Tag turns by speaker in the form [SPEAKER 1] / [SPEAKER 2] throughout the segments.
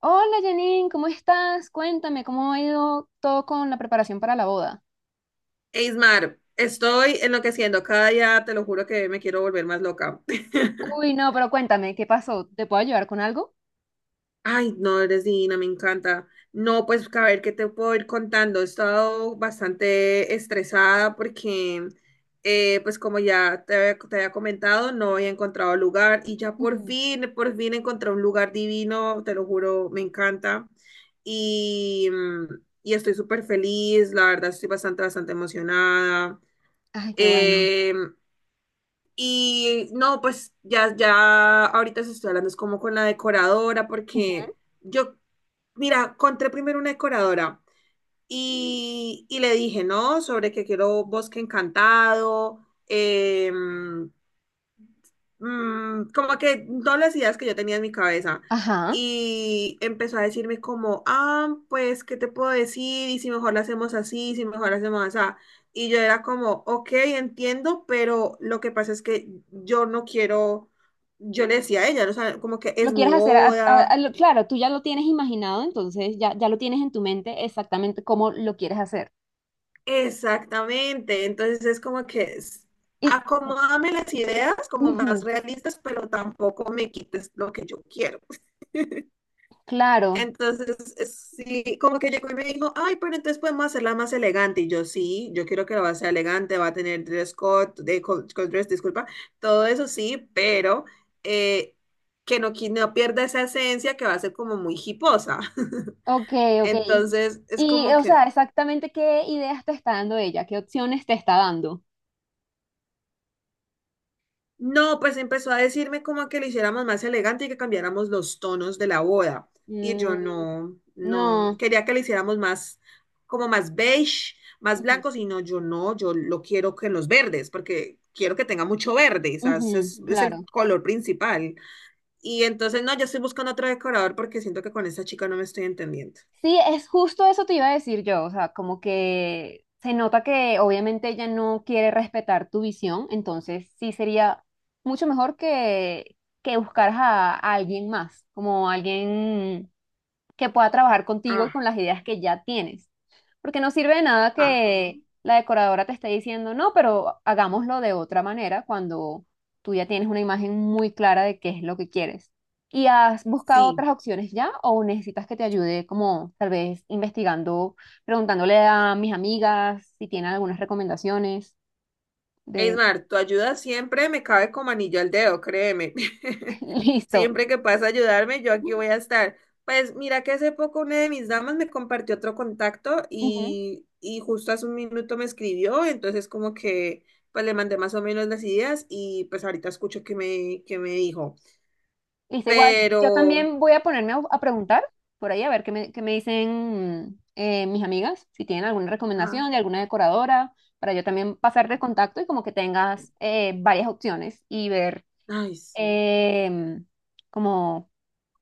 [SPEAKER 1] Hola Janine, ¿cómo estás? Cuéntame, ¿cómo ha ido todo con la preparación para la boda?
[SPEAKER 2] Eismar, estoy enloqueciendo cada día, te lo juro que me quiero volver más loca.
[SPEAKER 1] Uy, no, pero cuéntame, ¿qué pasó? ¿Te puedo ayudar con algo?
[SPEAKER 2] Ay, no, eres divina, me encanta. No, pues a ver qué te puedo ir contando. He estado bastante estresada porque, pues como ya te, te había comentado, no había encontrado lugar y ya
[SPEAKER 1] Ujú.
[SPEAKER 2] por fin encontré un lugar divino, te lo juro, me encanta. Y, mm, y estoy súper feliz, la verdad estoy bastante emocionada.
[SPEAKER 1] Ay, qué bueno.
[SPEAKER 2] Em, Y no, pues ya ahorita se estoy hablando, es como con la decoradora,
[SPEAKER 1] Ujú.
[SPEAKER 2] porque yo, mira, encontré primero una decoradora y le dije, ¿no? Sobre que quiero bosque encantado, como que todas las ideas que yo tenía en mi cabeza.
[SPEAKER 1] Ajá.
[SPEAKER 2] Y empezó a decirme como, ah, pues, ¿qué te puedo decir? Y si mejor lo hacemos así, si mejor lo hacemos así. Y yo era como, ok, entiendo, pero lo que pasa es que yo no quiero, yo le decía a ella, ¿no? O sea, como que es
[SPEAKER 1] ¿Lo
[SPEAKER 2] mi
[SPEAKER 1] quieres hacer?
[SPEAKER 2] boda.
[SPEAKER 1] Claro, tú ya lo tienes imaginado, entonces ya lo tienes en tu mente exactamente cómo lo quieres hacer.
[SPEAKER 2] Exactamente. Entonces es como que es-
[SPEAKER 1] Y,
[SPEAKER 2] acomódame las ideas como más
[SPEAKER 1] ujú,
[SPEAKER 2] realistas, pero tampoco me quites lo que yo quiero.
[SPEAKER 1] claro,
[SPEAKER 2] Entonces, sí, como que llegó y me dijo, ay, pero entonces podemos hacerla más elegante. Y yo, sí, yo quiero que la va a ser elegante, va a tener dress code, dress, disculpa, todo eso sí, pero eh, que no, no pierda esa esencia que va a ser como muy hiposa.
[SPEAKER 1] ok, ok.
[SPEAKER 2] Entonces, es como
[SPEAKER 1] O
[SPEAKER 2] que,
[SPEAKER 1] sea, exactamente qué ideas te está dando ella, qué opciones te está dando.
[SPEAKER 2] no, pues empezó a decirme como que lo hiciéramos más elegante y que cambiáramos los tonos de la boda. Y yo
[SPEAKER 1] Mm,
[SPEAKER 2] no, no,
[SPEAKER 1] no.
[SPEAKER 2] quería que lo hiciéramos más, como más beige, más
[SPEAKER 1] Ujú,
[SPEAKER 2] blancos, y no, yo no, yo lo quiero que en los verdes, porque quiero que tenga mucho verde, o sea,
[SPEAKER 1] ujú,
[SPEAKER 2] es el
[SPEAKER 1] claro.
[SPEAKER 2] color principal. Y entonces, no, yo estoy buscando otro decorador porque siento que con esta chica no me estoy entendiendo.
[SPEAKER 1] Sí, es justo eso te iba a decir yo, o sea, como que se nota que obviamente ella no quiere respetar tu visión, entonces sí sería mucho mejor que buscaras a alguien más, como alguien que pueda trabajar contigo y
[SPEAKER 2] Ah,
[SPEAKER 1] con las ideas que ya tienes. Porque no sirve de nada
[SPEAKER 2] ajá.
[SPEAKER 1] que la decoradora te esté diciendo, no, pero hagámoslo de otra manera cuando tú ya tienes una imagen muy clara de qué es lo que quieres. ¿Y has buscado
[SPEAKER 2] Sí.
[SPEAKER 1] otras opciones ya o necesitas que te ayude como tal vez investigando, preguntándole a mis amigas si tienen algunas recomendaciones de...
[SPEAKER 2] Eismar, tu ayuda siempre me cabe como anillo al dedo, créeme.
[SPEAKER 1] Listo.
[SPEAKER 2] Siempre que puedas ayudarme, yo aquí voy a estar. Pues mira que hace poco una de mis damas me compartió otro contacto
[SPEAKER 1] Ujú.
[SPEAKER 2] y justo hace un minuto me escribió, entonces como que pues le mandé más o menos las ideas y pues ahorita escucho que me dijo.
[SPEAKER 1] Listo, igual, yo
[SPEAKER 2] Pero,
[SPEAKER 1] también voy a ponerme a preguntar por ahí a ver qué me dicen mis amigas, si tienen alguna
[SPEAKER 2] ah,
[SPEAKER 1] recomendación de alguna decoradora, para yo también pasar de contacto y como que tengas varias opciones y ver
[SPEAKER 2] ay, sí,
[SPEAKER 1] em, como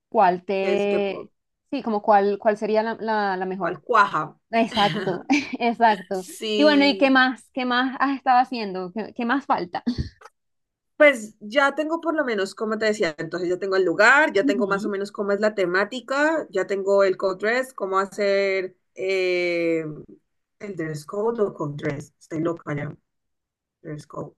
[SPEAKER 1] cuál
[SPEAKER 2] es que por,
[SPEAKER 1] te, sí, como cuál, cuál sería la, la, la
[SPEAKER 2] cuál
[SPEAKER 1] mejor.
[SPEAKER 2] cuaja.
[SPEAKER 1] Exacto, exacto. Y bueno, ¿y qué
[SPEAKER 2] Sí.
[SPEAKER 1] más? ¿Qué más has estado haciendo? ¿Qué, qué más falta?
[SPEAKER 2] Pues ya tengo por lo menos, como te decía, entonces ya tengo el lugar, ya tengo más o
[SPEAKER 1] Ujú.
[SPEAKER 2] menos cómo es la temática, ya tengo el code dress, cómo hacer el dress code o code dress. Estoy loca ya, dress code.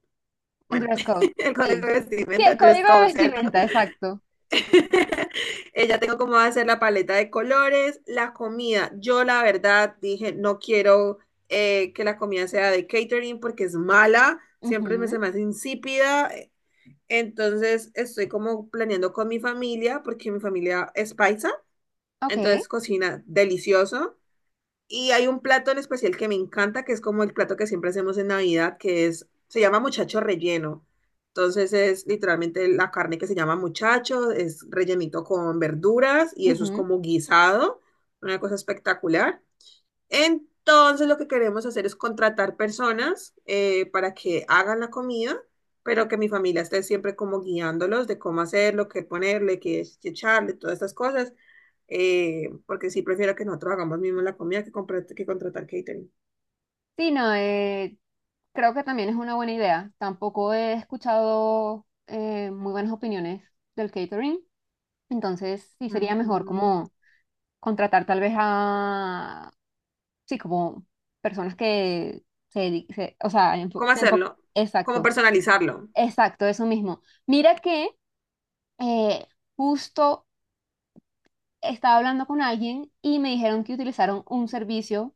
[SPEAKER 1] El
[SPEAKER 2] Bueno,
[SPEAKER 1] dress code,
[SPEAKER 2] el código
[SPEAKER 1] sí.
[SPEAKER 2] de
[SPEAKER 1] Sí,
[SPEAKER 2] vestimenta,
[SPEAKER 1] el
[SPEAKER 2] el dress
[SPEAKER 1] código de
[SPEAKER 2] code, ¿cierto?
[SPEAKER 1] vestimenta, exacto.
[SPEAKER 2] Ya tengo cómo hacer la paleta de colores, la comida. Yo la verdad dije, no quiero que la comida sea de catering porque es mala, se
[SPEAKER 1] Ujú,
[SPEAKER 2] me hace insípida. Entonces estoy como planeando con mi familia, porque mi familia es paisa,
[SPEAKER 1] ok,
[SPEAKER 2] entonces cocina delicioso. Y hay un plato en especial que me encanta, que es como el plato que siempre hacemos en Navidad, que es, se llama muchacho relleno. Entonces es literalmente la carne que se llama muchacho, es rellenito con verduras y eso es
[SPEAKER 1] ujú.
[SPEAKER 2] como guisado, una cosa espectacular. Entonces lo que queremos hacer es contratar personas para que hagan la comida, pero que mi familia esté siempre como guiándolos de cómo hacerlo, qué ponerle, qué echarle, todas estas cosas, porque sí prefiero que nosotros hagamos mismo la comida que, que contratar catering.
[SPEAKER 1] Sí, no, creo que también es una buena idea. Tampoco he escuchado muy buenas opiniones del catering, entonces sí sería mejor
[SPEAKER 2] Ujú.
[SPEAKER 1] como contratar tal vez a, sí, como personas que o sea,
[SPEAKER 2] ¿Cómo
[SPEAKER 1] se enfo-
[SPEAKER 2] hacerlo? ¿Cómo
[SPEAKER 1] Exacto,
[SPEAKER 2] personalizarlo?
[SPEAKER 1] exacto, eso mismo. Mira que eh, justo estaba hablando con alguien y me dijeron que utilizaron un servicio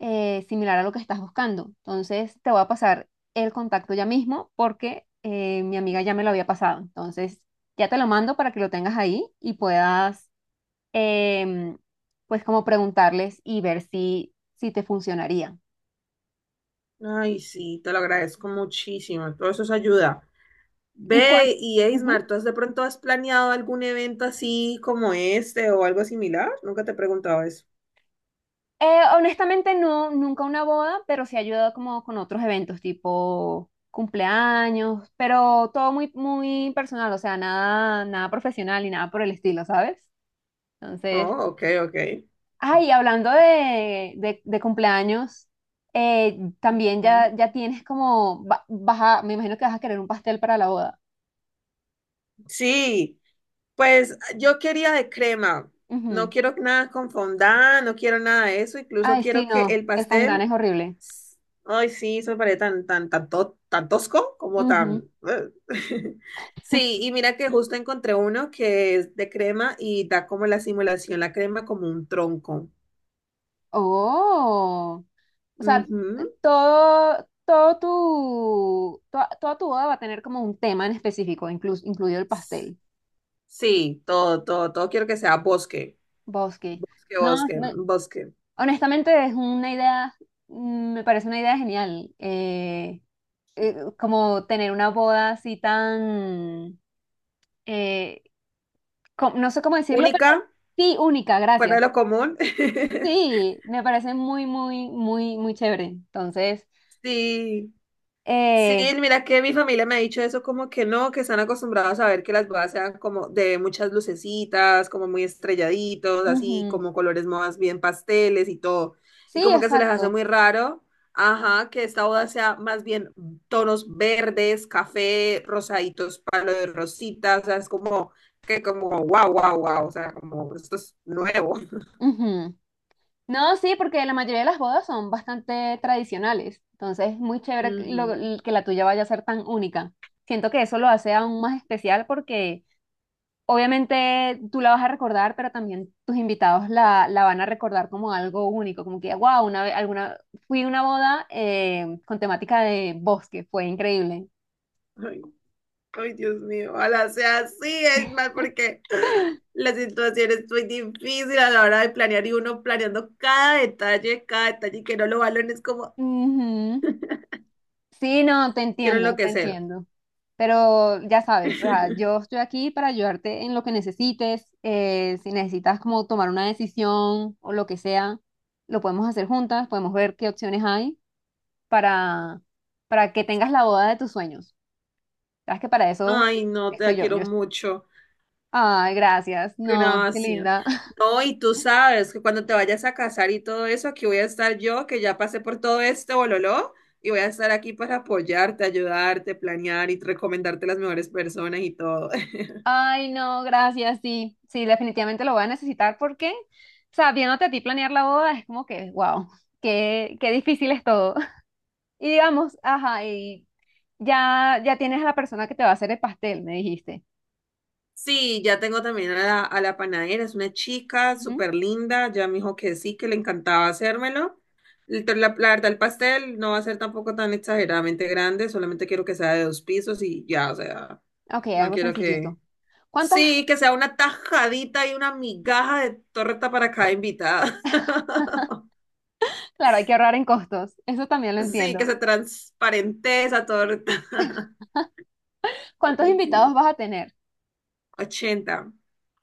[SPEAKER 1] similar a lo que estás buscando. Entonces, te voy a pasar el contacto ya mismo porque mi amiga ya me lo había pasado. Entonces, ya te lo mando para que lo tengas ahí y puedas, em, pues, como preguntarles y ver si, si te funcionaría.
[SPEAKER 2] Ay, sí, te lo agradezco muchísimo. Todo eso es ayuda.
[SPEAKER 1] ¿Y
[SPEAKER 2] Ve,
[SPEAKER 1] cuán-
[SPEAKER 2] y
[SPEAKER 1] Ujú.
[SPEAKER 2] Eismar, ¿tú has de pronto has planeado algún evento así como este o algo similar? Nunca te he preguntado eso.
[SPEAKER 1] Honestamente, no, nunca una boda, pero sí ha ayudado como con otros eventos, tipo cumpleaños, pero todo muy, muy personal, o sea, nada, nada profesional y nada por el estilo, ¿sabes? Entonces,
[SPEAKER 2] Oh, ok, ok.
[SPEAKER 1] ay, hablando de cumpleaños, también
[SPEAKER 2] Ujú.
[SPEAKER 1] ya tienes como, me imagino que vas a querer un pastel para la boda.
[SPEAKER 2] Sí, pues yo quería de crema. No
[SPEAKER 1] Ujú.
[SPEAKER 2] quiero nada con fondant, no quiero nada de eso. Incluso
[SPEAKER 1] Ay, sí,
[SPEAKER 2] quiero
[SPEAKER 1] no,
[SPEAKER 2] que el
[SPEAKER 1] el fondant
[SPEAKER 2] pastel,
[SPEAKER 1] es horrible.
[SPEAKER 2] s- ay, sí, eso me parece tan, tan, tan tosco como
[SPEAKER 1] Ujú.
[SPEAKER 2] tan... Sí, y mira que justo encontré uno que es de crema y da como la simulación, la crema como un tronco.
[SPEAKER 1] Oh, o sea,
[SPEAKER 2] Ujú.
[SPEAKER 1] toda tu boda va a tener como un tema en específico, incluido el pastel.
[SPEAKER 2] Sí, todo, todo, todo quiero que sea bosque,
[SPEAKER 1] Bosque.
[SPEAKER 2] bosque,
[SPEAKER 1] No,
[SPEAKER 2] bosque,
[SPEAKER 1] me-
[SPEAKER 2] bosque.
[SPEAKER 1] Honestamente es una idea, mm, me parece una idea genial. Como tener una boda así tan, eh, no sé cómo decirlo, pero
[SPEAKER 2] Única,
[SPEAKER 1] sí, única,
[SPEAKER 2] fuera
[SPEAKER 1] gracias.
[SPEAKER 2] de lo común.
[SPEAKER 1] Sí, me parece muy, muy, muy, muy chévere. Entonces,
[SPEAKER 2] Sí, sí,
[SPEAKER 1] eh,
[SPEAKER 2] mira que mi familia me ha dicho eso como que no, que están acostumbrados a ver que las bodas sean como de muchas lucecitas, como muy estrelladitos, así
[SPEAKER 1] ujú.
[SPEAKER 2] como colores más bien pasteles y todo. Y
[SPEAKER 1] Sí,
[SPEAKER 2] como que se les hace
[SPEAKER 1] exacto.
[SPEAKER 2] muy raro, ajá, que esta boda sea más bien tonos verdes, café, rosaditos, palo de rosita, o sea, es como que como wow, wow, wow, o sea, como esto es nuevo.
[SPEAKER 1] Ujú. No, sí, porque la mayoría de las bodas son bastante tradicionales. Entonces, es muy chévere que
[SPEAKER 2] Ujú.
[SPEAKER 1] que la tuya vaya a ser tan única. Siento que eso lo hace aún más especial porque obviamente tú la vas a recordar, pero también tus invitados la van a recordar como algo único, como que, wow, una vez, alguna, fui a una boda con temática de bosque, fue increíble.
[SPEAKER 2] Ay, Dios mío, ojalá sea así, es mal porque la situación es muy difícil a la hora de planear y uno planeando cada detalle y que no lo valoren es como
[SPEAKER 1] Ujú. Sí, no, te
[SPEAKER 2] quiero
[SPEAKER 1] entiendo, te
[SPEAKER 2] enloquecer.
[SPEAKER 1] entiendo. Pero ya sabes, o sea, yo estoy aquí para ayudarte en lo que necesites. Si necesitas como tomar una decisión o lo que sea, lo podemos hacer juntas, podemos ver qué opciones hay para, para que tengas la boda de tus sueños. Sabes que para eso
[SPEAKER 2] Ay, no, te
[SPEAKER 1] estoy
[SPEAKER 2] la quiero
[SPEAKER 1] yo.
[SPEAKER 2] mucho.
[SPEAKER 1] Ay, gracias. No, qué
[SPEAKER 2] Gracias.
[SPEAKER 1] linda.
[SPEAKER 2] No, y tú sabes que cuando te vayas a casar y todo eso, aquí voy a estar yo, que ya pasé por todo este bololó, y voy a estar aquí para apoyarte, ayudarte, planear y recomendarte las mejores personas y todo.
[SPEAKER 1] Ay, no, gracias. Sí, sí, definitivamente lo voy a necesitar porque, o sea, viéndote a ti planear la boda es como que, wow, qué, qué difícil es todo. Y digamos, ajá, y ya tienes a la persona que te va a hacer el pastel, me dijiste.
[SPEAKER 2] Sí, ya tengo también a la panadera, es una chica
[SPEAKER 1] Ujú.
[SPEAKER 2] súper linda, ya me dijo que sí, que le encantaba hacérmelo. La verdad, el pastel no va a ser tampoco tan exageradamente grande, solamente quiero que sea de 2 pisos y ya, o sea,
[SPEAKER 1] Ok,
[SPEAKER 2] no
[SPEAKER 1] algo
[SPEAKER 2] quiero que...
[SPEAKER 1] sencillito. ¿Cuántas?
[SPEAKER 2] Sí, que sea una tajadita y una migaja de torta para cada invitada.
[SPEAKER 1] Claro, hay que ahorrar en costos. Eso también lo
[SPEAKER 2] Sí, que
[SPEAKER 1] entiendo.
[SPEAKER 2] sea transparente esa torta. Pero
[SPEAKER 1] ¿Cuántos
[SPEAKER 2] sí,
[SPEAKER 1] invitados vas a tener?
[SPEAKER 2] 80.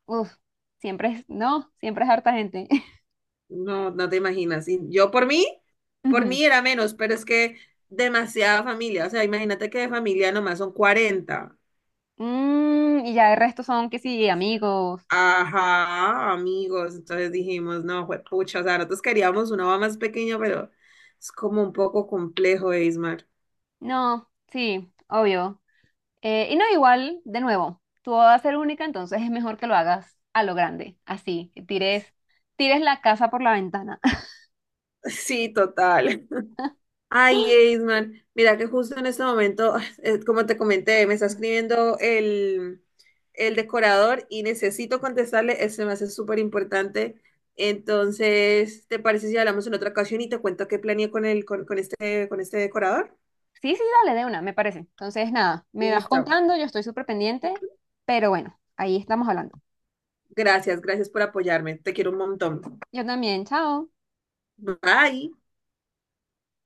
[SPEAKER 1] Uf, no, siempre es harta gente.
[SPEAKER 2] No, no te imaginas. Y yo por
[SPEAKER 1] Ujú.
[SPEAKER 2] mí era menos, pero es que demasiada familia. O sea, imagínate que de familia nomás son 40.
[SPEAKER 1] Mm, y ya el resto son que sí,
[SPEAKER 2] O sea,
[SPEAKER 1] amigos.
[SPEAKER 2] ajá, amigos. Entonces dijimos, no, pucha, o sea, nosotros queríamos una mamá más pequeña, pero es como un poco complejo, Ismar.
[SPEAKER 1] No, sí, obvio. Y no, igual, de nuevo, tú vas a ser única, entonces es mejor que lo hagas a lo grande, así, tires la casa por la ventana.
[SPEAKER 2] Sí, total. Ay, Eisman, mira que justo en este momento, como te comenté, me está escribiendo el decorador y necesito contestarle, este me hace súper importante. Entonces, ¿te parece si hablamos en otra ocasión y te cuento qué planeé con con este decorador?
[SPEAKER 1] Sí, sí, dale, de una, me parece. Entonces, nada, me vas
[SPEAKER 2] Listo.
[SPEAKER 1] contando, yo estoy súper pendiente, pero bueno, ahí estamos hablando.
[SPEAKER 2] Gracias, gracias por apoyarme. Te quiero un montón.
[SPEAKER 1] Yo también, chao.
[SPEAKER 2] Bye.